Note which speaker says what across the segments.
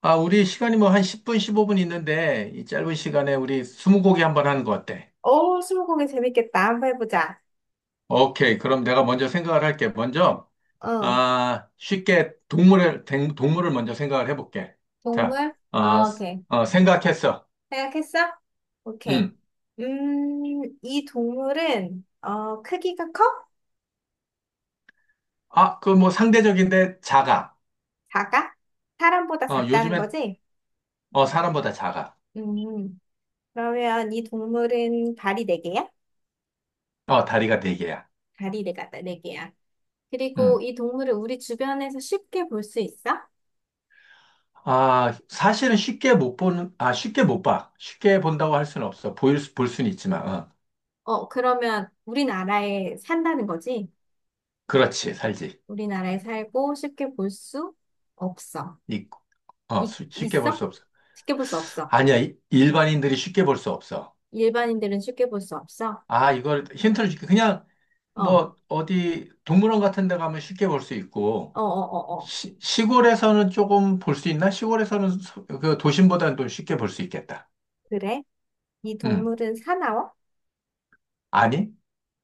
Speaker 1: 아, 우리 시간이 뭐 한 10분, 15분 있는데, 이 짧은 시간에 우리 스무고개 한번 하는 거 어때?
Speaker 2: 오, 스무고개 재밌겠다. 한번 해보자.
Speaker 1: 오케이. 그럼 내가 먼저 생각을 할게. 먼저,
Speaker 2: 어,
Speaker 1: 아, 쉽게 동물을 먼저 생각을 해볼게. 자,
Speaker 2: 동물? 오케이.
Speaker 1: 생각했어.
Speaker 2: 생각했어? 오케이.
Speaker 1: 음.
Speaker 2: 이 동물은, 크기가 커?
Speaker 1: 아, 그 뭐 상대적인데 작아.
Speaker 2: 작아? 사람보다 작다는
Speaker 1: 요즘엔,
Speaker 2: 거지?
Speaker 1: 사람보다 작아.
Speaker 2: 음, 그러면 이 동물은 발이 네개야.
Speaker 1: 다리가 네 개야.
Speaker 2: 발이 네가네개야. 그리고
Speaker 1: 음.
Speaker 2: 이 동물을 우리 주변에서 쉽게 볼 수 있어?
Speaker 1: 아, 사실은 쉽게 못 보는, 아, 쉽게 못 봐. 쉽게 본다고 할 수는 없어. 볼 수는 있지만.
Speaker 2: 그러면 우리나라에 산다는 거지?
Speaker 1: 그렇지, 살지.
Speaker 2: 우리나라에 살고 쉽게 볼 수 없어. 이,
Speaker 1: 쉽게 볼
Speaker 2: 있어?
Speaker 1: 수 없어.
Speaker 2: 쉽게 볼 수 없어.
Speaker 1: 아니야, 일반인들이 쉽게 볼 수 없어.
Speaker 2: 일반인들은 쉽게 볼 수 없어.
Speaker 1: 아, 이걸 힌트를 줄게. 그냥
Speaker 2: 어, 어,
Speaker 1: 뭐 어디 동물원 같은 데 가면 쉽게 볼 수 있고,
Speaker 2: 어, 어, 어.
Speaker 1: 시골에서는 조금 볼 수 있나? 시골에서는 그 도심보다는 좀 쉽게 볼 수 있겠다.
Speaker 2: 그래? 이
Speaker 1: 응.
Speaker 2: 동물은 사나워?
Speaker 1: 아니?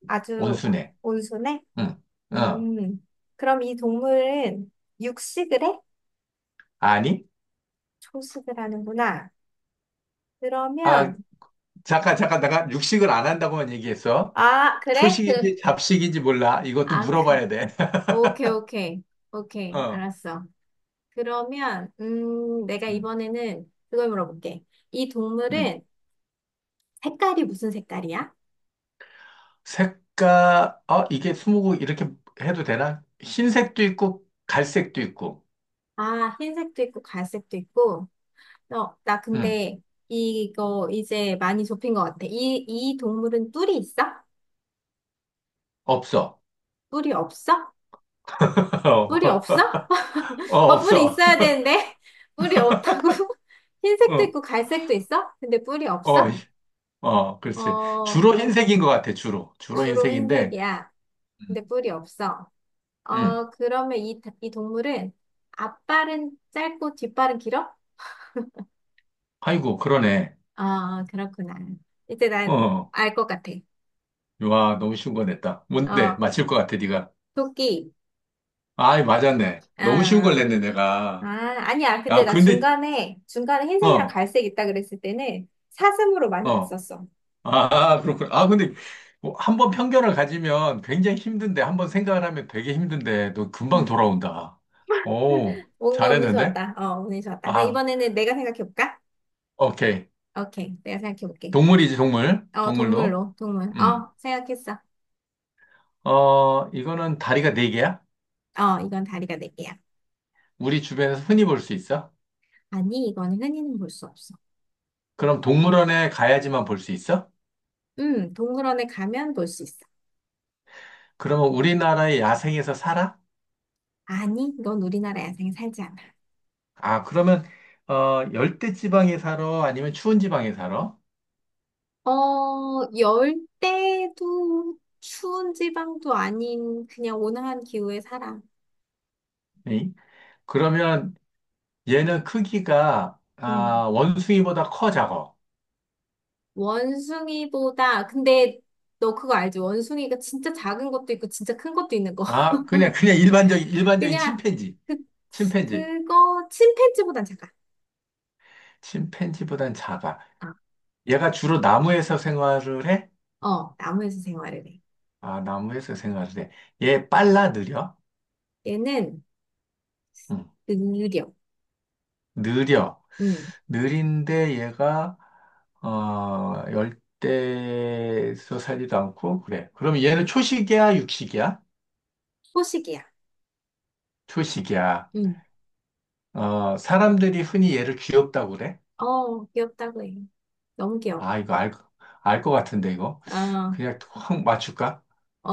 Speaker 2: 아주
Speaker 1: 온순해.
Speaker 2: 온순해?
Speaker 1: 응. 어.
Speaker 2: 음, 그럼 이 동물은 육식을 해?
Speaker 1: 아니?
Speaker 2: 초식을 하는구나.
Speaker 1: 아,
Speaker 2: 그러면,
Speaker 1: 잠깐 잠깐 내가 육식을 안 한다고만 얘기했어.
Speaker 2: 아, 그래?
Speaker 1: 초식인지 잡식인지 몰라. 이것도
Speaker 2: 아, 그.
Speaker 1: 물어봐야 돼.
Speaker 2: 오케이, 오케이. 오케이.
Speaker 1: 어.
Speaker 2: 알았어. 그러면, 내가
Speaker 1: 응.
Speaker 2: 이번에는 그걸 물어볼게. 이
Speaker 1: 응.
Speaker 2: 동물은 색깔이 무슨 색깔이야?
Speaker 1: 색깔, 아, 이게 스무고 이렇게 해도 되나? 흰색도 있고, 갈색도 있고,
Speaker 2: 아, 흰색도 있고, 갈색도 있고. 나
Speaker 1: 응,
Speaker 2: 근데 이거 이제 많이 좁힌 것 같아. 이 동물은 뿔이 있어?
Speaker 1: 없어.
Speaker 2: 뿔이 없어? 뿔이 없어? 뿔이
Speaker 1: 없어.
Speaker 2: 있어야 되는데. 뿔이 없다고? 흰색도
Speaker 1: 어,
Speaker 2: 있고 갈색도 있어? 근데 뿔이 없어?
Speaker 1: 어, 이- 그렇지.
Speaker 2: 어,
Speaker 1: 주로 흰색인 것 같아, 주로. 주로
Speaker 2: 주로
Speaker 1: 흰색인데,
Speaker 2: 흰색이야.
Speaker 1: 음,
Speaker 2: 근데 뿔이 없어.
Speaker 1: 음.
Speaker 2: 그러면 이 동물은 앞발은 짧고 뒷발은 길어?
Speaker 1: 아이고, 그러네.
Speaker 2: 그렇구나. 이제 난
Speaker 1: 어,
Speaker 2: 알 것 같아.
Speaker 1: 와, 너무 쉬운 거 냈다. 뭔데?
Speaker 2: 어,
Speaker 1: 맞힐 것 같아, 네가.
Speaker 2: 토끼.
Speaker 1: 아이, 맞았네.
Speaker 2: 어,
Speaker 1: 너무 쉬운 걸
Speaker 2: 아,
Speaker 1: 냈네, 내가.
Speaker 2: 아니야. 근데
Speaker 1: 야,
Speaker 2: 나
Speaker 1: 근데,
Speaker 2: 중간에 흰색이랑
Speaker 1: 어,
Speaker 2: 갈색 있다 그랬을 때는 사슴으로 많이
Speaker 1: 어.
Speaker 2: 갔었어.
Speaker 1: 아, 그렇군. 아, 근데 한번 편견을 가지면 굉장히 힘든데, 한번 생각을 하면 되게 힘든데, 너 금방
Speaker 2: 음.
Speaker 1: 돌아온다. 오,
Speaker 2: 뭔가 운이
Speaker 1: 잘했는데?
Speaker 2: 좋았다. 운이 좋았다. 그럼
Speaker 1: 아,
Speaker 2: 이번에는 내가 생각해볼까?
Speaker 1: 오케이.
Speaker 2: 오케이. 내가 생각해볼게.
Speaker 1: 동물이지, 동물. 동물로.
Speaker 2: 동물로, 동물.
Speaker 1: 음.
Speaker 2: 생각했어.
Speaker 1: 이거는 다리가 네 개야?
Speaker 2: 이건 다리가 네 개야.
Speaker 1: 우리 주변에서 흔히 볼 수 있어?
Speaker 2: 아니, 이거는 흔히는 볼 수 없어.
Speaker 1: 그럼 동물원에 가야지만 볼 수 있어?
Speaker 2: 동물원에 가면 볼 수 있어.
Speaker 1: 그러면 우리나라의 야생에서 살아?
Speaker 2: 아니, 이건 우리나라 야생에 살지 않아.
Speaker 1: 아, 그러면, 열대 지방에 살아? 아니면 추운 지방에 살아?
Speaker 2: 열대도 추운 지방도 아닌 그냥 온화한 기후에 살아.
Speaker 1: 네. 그러면 얘는 크기가 아, 원숭이보다 커 작어.
Speaker 2: 원숭이보다, 근데 너 그거 알지? 원숭이가 진짜 작은 것도 있고 진짜 큰 것도 있는 거.
Speaker 1: 아, 그냥 그냥 일반적인 일반적인
Speaker 2: 그냥
Speaker 1: 침팬지.
Speaker 2: 그,
Speaker 1: 침팬지.
Speaker 2: 그거 침팬지보단 작아.
Speaker 1: 침팬지보단 작아.
Speaker 2: 아,
Speaker 1: 얘가 주로 나무에서 생활을 해?
Speaker 2: 나무에서 생활을 해.
Speaker 1: 아, 나무에서 생활을 해. 얘 빨라 느려?
Speaker 2: 얘는
Speaker 1: 응.
Speaker 2: 느려.
Speaker 1: 느려.
Speaker 2: 음,
Speaker 1: 느린데 얘가 열대에서 살지도 않고 그래. 그럼 얘는 초식이야, 육식이야?
Speaker 2: 포식이야.
Speaker 1: 초식이야.
Speaker 2: 음,
Speaker 1: 사람들이 흔히 얘를 귀엽다고 그래?
Speaker 2: 귀엽다고 해. 너무 귀여워.
Speaker 1: 아, 이거 알 것 같은데, 이거.
Speaker 2: 어,
Speaker 1: 그냥 확 맞출까?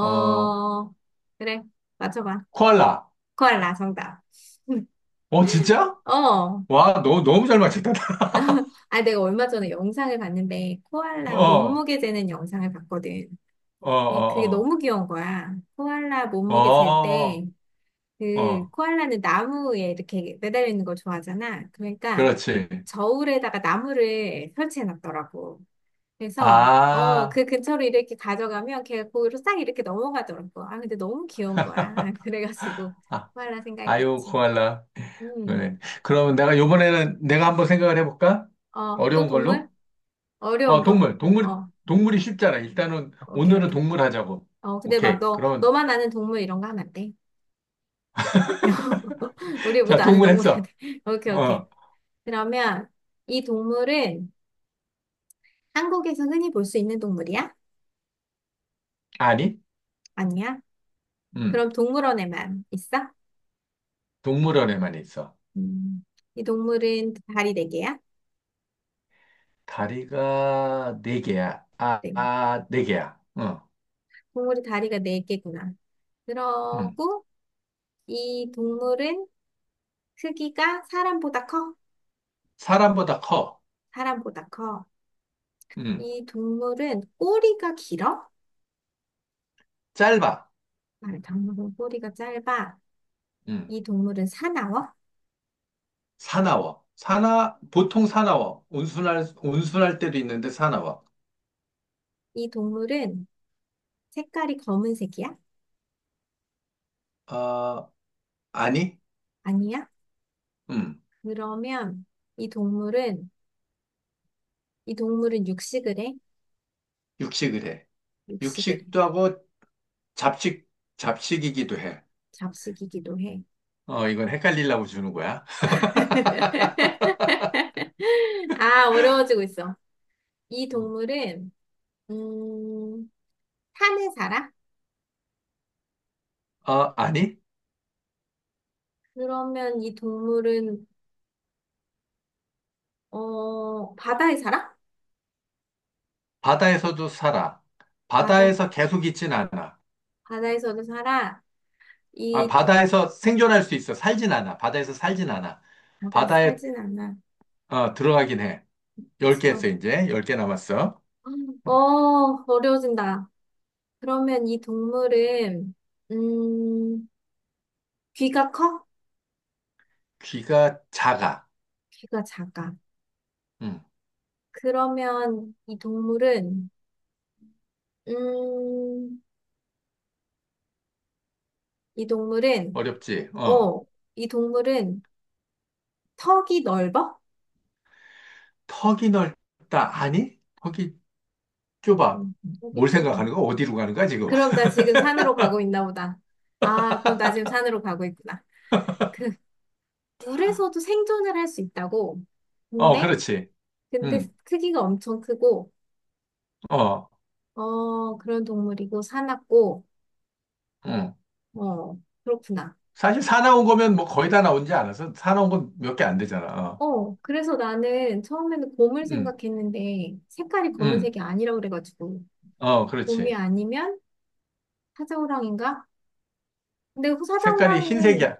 Speaker 1: 어,
Speaker 2: 그래. 맞춰봐.
Speaker 1: 코알라.
Speaker 2: 코알라 정답.
Speaker 1: 진짜?
Speaker 2: 어.
Speaker 1: 와, 너무 잘 맞췄다.
Speaker 2: 아, 내가 얼마 전에 영상을 봤는데,
Speaker 1: 어,
Speaker 2: 코알라
Speaker 1: 어,
Speaker 2: 몸무게 재는 영상을 봤거든. 네, 그게
Speaker 1: 어,
Speaker 2: 너무 귀여운 거야. 코알라
Speaker 1: 어,
Speaker 2: 몸무게 잴
Speaker 1: 어,
Speaker 2: 때,
Speaker 1: 어,
Speaker 2: 코알라는 나무에 이렇게 매달려 있는 걸 좋아하잖아. 그러니까,
Speaker 1: 그렇지.
Speaker 2: 저울에다가 나무를 설치해 놨더라고. 그래서,
Speaker 1: 아,
Speaker 2: 그 근처로 이렇게 가져가면 걔가 거기로 싹 이렇게 넘어가더라고. 아, 근데 너무 귀여운 거야. 그래가지고,
Speaker 1: 아,
Speaker 2: 코알라 생각이
Speaker 1: 아유,
Speaker 2: 났지.
Speaker 1: 코알라. 그래.
Speaker 2: 음,
Speaker 1: 그러면 내가 요번에는 내가 한번 생각을 해볼까?
Speaker 2: 또
Speaker 1: 어려운
Speaker 2: 동물?
Speaker 1: 걸로?
Speaker 2: 어려운 거?
Speaker 1: 동물, 동물,
Speaker 2: 어,
Speaker 1: 동물이 쉽잖아. 일단은
Speaker 2: 오케이,
Speaker 1: 오늘은
Speaker 2: 오케이.
Speaker 1: 동물 하자고.
Speaker 2: 근데 막
Speaker 1: 오케이.
Speaker 2: 너,
Speaker 1: 그러면,
Speaker 2: 너만 아는 동물 이런 거 하면 안 돼. 우리
Speaker 1: 자,
Speaker 2: 모두 아는
Speaker 1: 동물
Speaker 2: 동물이야
Speaker 1: 했어.
Speaker 2: 돼. 오케이, 오케이.
Speaker 1: 어,
Speaker 2: 그러면 이 동물은 한국에서 흔히 볼 수 있는 동물이야?
Speaker 1: 아니?
Speaker 2: 아니야?
Speaker 1: 음
Speaker 2: 그럼 동물원에만 있어?
Speaker 1: 동물원에만 있어.
Speaker 2: 음, 이 동물은 다리 네 개야?
Speaker 1: 다리가 네 개야. 아,
Speaker 2: 네.
Speaker 1: 아, 네 개야. 응,
Speaker 2: 동물이 다리가 네 개구나.
Speaker 1: 응.
Speaker 2: 그러고 이 동물은 크기가 사람보다 커?
Speaker 1: 사람보다 커.
Speaker 2: 사람보다 커.
Speaker 1: 응.
Speaker 2: 이 동물은 꼬리가 길어?
Speaker 1: 짧아.
Speaker 2: 아, 동물은 꼬리가 짧아.
Speaker 1: 응.
Speaker 2: 이 동물은 사나워?
Speaker 1: 사나워. 보통 사나워. 온순할, 온순할 때도 있는데 사나워.
Speaker 2: 이 동물은 색깔이 검은색이야?
Speaker 1: 어, 아니?
Speaker 2: 아니야?
Speaker 1: 응.
Speaker 2: 그러면 이 동물은, 이 동물은 육식을 해?
Speaker 1: 육식을 해.
Speaker 2: 육식을 해.
Speaker 1: 육식도 하고 잡식, 잡식이기도 해.
Speaker 2: 잡식이기도 해.
Speaker 1: 이건 헷갈리려고 주는 거야.
Speaker 2: 아, 어려워지고 있어. 이 동물은, 음, 산에 살아?
Speaker 1: 아니?
Speaker 2: 그러면 이 동물은, 바다에 살아?
Speaker 1: 바다에서도 살아.
Speaker 2: 바다,
Speaker 1: 바다에서 계속 있진 않아.
Speaker 2: 바다에서도 살아?
Speaker 1: 아,
Speaker 2: 이, 도,
Speaker 1: 바다에서 생존할 수 있어. 살진 않아. 바다에서 살진 않아.
Speaker 2: 바다에
Speaker 1: 바다에
Speaker 2: 살진 않아.
Speaker 1: 들어가긴 해. 열 개
Speaker 2: 들어.
Speaker 1: 했어, 이제. 열 개 남았어.
Speaker 2: 어, 어려워진다. 그러면 이 동물은, 음, 귀가 커?
Speaker 1: 귀가 작아.
Speaker 2: 귀가 작아.
Speaker 1: 음,
Speaker 2: 그러면 음, 이 동물은,
Speaker 1: 어렵지. 어.
Speaker 2: 어, 이 동물은 턱이 넓어?
Speaker 1: 턱이 넓다. 아니? 턱이
Speaker 2: 이
Speaker 1: 좁아.
Speaker 2: 동- 턱이
Speaker 1: 뭘
Speaker 2: 좁아.
Speaker 1: 생각하는 거야? 어디로 가는 거야, 지금?
Speaker 2: 그럼 나 지금 산으로 가고 있나 보다. 아, 그럼 나 지금 산으로 가고 있구나. 물에서도 생존을 할 수 있다고. 근데,
Speaker 1: 그렇지.
Speaker 2: 근데
Speaker 1: 음,
Speaker 2: 크기가 엄청 크고,
Speaker 1: 어,
Speaker 2: 그런 동물이고, 사납고,
Speaker 1: 음.
Speaker 2: 어, 그렇구나.
Speaker 1: 사실 사 나온 거면 뭐 거의 다 나온지 않아서 사 나온 건 몇 개 안 되잖아. 어.
Speaker 2: 그래서 나는 처음에는 곰을
Speaker 1: 음,
Speaker 2: 생각했는데, 색깔이
Speaker 1: 음.
Speaker 2: 검은색이 아니라고 그래가지고, 곰이
Speaker 1: 그렇지.
Speaker 2: 아니면 사자호랑인가? 근데 그
Speaker 1: 색깔이
Speaker 2: 사자호랑이는
Speaker 1: 흰색이야.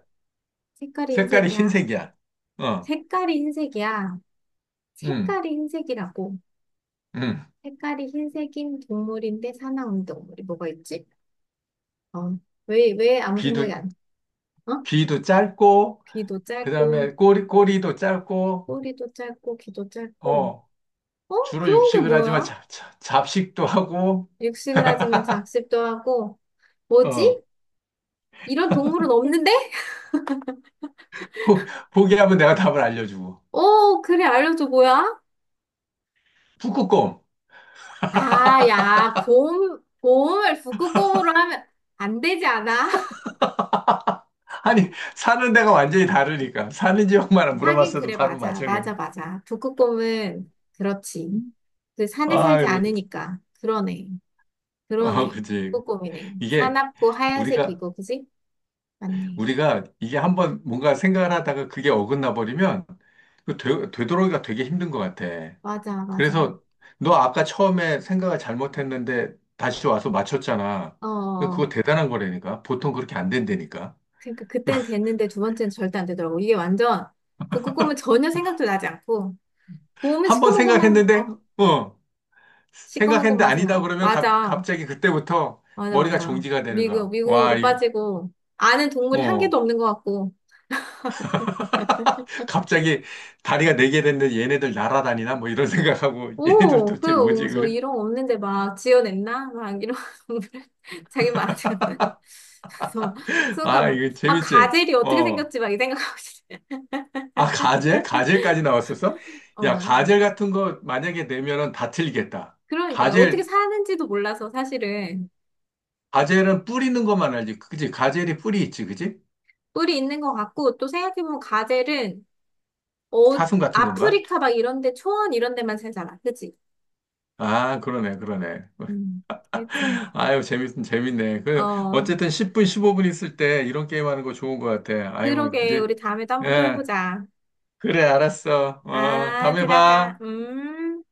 Speaker 2: 색깔이
Speaker 1: 색깔이
Speaker 2: 흰색이야.
Speaker 1: 흰색이야. 어,
Speaker 2: 색깔이 흰색이야.
Speaker 1: 음,
Speaker 2: 색깔이 흰색이라고.
Speaker 1: 음.
Speaker 2: 색깔이 흰색인 동물인데 사나운 동물이 뭐가 있지? 어, 왜 아무
Speaker 1: 귀도,
Speaker 2: 생각이 안, 어?
Speaker 1: 귀도 짧고,
Speaker 2: 귀도
Speaker 1: 그
Speaker 2: 짧고,
Speaker 1: 다음에 꼬리도 짧고,
Speaker 2: 꼬리도 짧고, 귀도 짧고.
Speaker 1: 어,
Speaker 2: 어?
Speaker 1: 주로
Speaker 2: 그런 게
Speaker 1: 육식을 하지만
Speaker 2: 뭐야?
Speaker 1: 잡식도 하고,
Speaker 2: 육식을 하지만 작습도 하고.
Speaker 1: 어,
Speaker 2: 뭐지? 이런 동물은 없는데?
Speaker 1: 포, 포기하면 내가 답을 알려주고.
Speaker 2: 그래, 알려줘, 뭐야?
Speaker 1: 북극곰.
Speaker 2: 아, 야, 곰을 북극곰으로 하면 안 되지 않아?
Speaker 1: 아니, 사는 데가 완전히 다르니까. 사는 지역만
Speaker 2: 하긴
Speaker 1: 물어봤어도
Speaker 2: 그래,
Speaker 1: 바로
Speaker 2: 맞아.
Speaker 1: 맞춰.
Speaker 2: 맞아, 맞아. 북극곰은, 그렇지. 그 산에 살지
Speaker 1: 아, 그래.
Speaker 2: 않으니까. 그러네. 그러네.
Speaker 1: 그치.
Speaker 2: 북극곰이네.
Speaker 1: 이게
Speaker 2: 사납고
Speaker 1: 우리가,
Speaker 2: 하얀색이고, 그지? 맞네.
Speaker 1: 우리가 이게 한번 뭔가 생각을 하다가 그게 어긋나 버리면 그 되돌아오기가 되게 힘든 것 같아.
Speaker 2: 맞아, 맞아.
Speaker 1: 그래서 너 아까 처음에 생각을 잘못했는데 다시 와서 맞췄잖아.
Speaker 2: 어, 어,
Speaker 1: 그러니까
Speaker 2: 어.
Speaker 1: 그거 대단한 거라니까. 보통 그렇게 안 된다니까.
Speaker 2: 그러니까 그때는 됐는데 두 번째는 절대 안 되더라고. 이게 완전, 북극곰은 전혀 생각도 나지 않고, 보면
Speaker 1: 한번
Speaker 2: 시커먼 것만,
Speaker 1: 어,
Speaker 2: 시커먼
Speaker 1: 생각했는데
Speaker 2: 것만
Speaker 1: 아니다
Speaker 2: 생각.
Speaker 1: 그러면 갑,
Speaker 2: 맞아.
Speaker 1: 갑자기 그때부터
Speaker 2: 맞아,
Speaker 1: 머리가
Speaker 2: 맞아.
Speaker 1: 정지가 되는
Speaker 2: 미궁,
Speaker 1: 거야. 와,
Speaker 2: 미궁으로 빠지고, 아는 동물이 한 개도
Speaker 1: 어,
Speaker 2: 없는 것 같고.
Speaker 1: 갑자기 다리가 네 개 됐는데 얘네들 날아다니나? 뭐 이런 생각하고 얘네들
Speaker 2: 오,
Speaker 1: 도대체 뭐지?
Speaker 2: 그래서
Speaker 1: 그래?
Speaker 2: 이런 거 없는데 막 지어냈나? 막 이런 자기 말안는 거야. 그래서 순간
Speaker 1: 아,
Speaker 2: 막,
Speaker 1: 이거
Speaker 2: 아,
Speaker 1: 재밌지?
Speaker 2: 가젤이 어떻게
Speaker 1: 어.
Speaker 2: 생겼지? 막 이 생각하고 있어요.
Speaker 1: 아, 가젤? 가젤까지 나왔었어? 야,
Speaker 2: 어,
Speaker 1: 가젤 같은 거 만약에 내면은 다 틀리겠다.
Speaker 2: 그러니까요. 어떻게
Speaker 1: 가젤
Speaker 2: 사는지도 몰라서 사실은
Speaker 1: 가젤은 뿌리는 것만 알지. 그지? 가젤이 뿌리 있지, 그지?
Speaker 2: 뿌리 있는 것 같고 또 생각해보면 가젤은 어,
Speaker 1: 사슴 같은 건가?
Speaker 2: 아프리카 막 이런 데 초원 이런 데만 살잖아. 그치?
Speaker 1: 아, 그러네, 그러네.
Speaker 2: 음, 그치.
Speaker 1: 아유, 재밌네.
Speaker 2: 어,
Speaker 1: 어쨌든 10분, 15분 있을 때 이런 게임 하는 거 좋은 것 같아. 아유,
Speaker 2: 그러게.
Speaker 1: 이제,
Speaker 2: 우리 다음에도 한번 또
Speaker 1: 예,
Speaker 2: 해보자.
Speaker 1: 그래, 알았어.
Speaker 2: 아,
Speaker 1: 다음에
Speaker 2: 들어가.
Speaker 1: 봐.
Speaker 2: 음.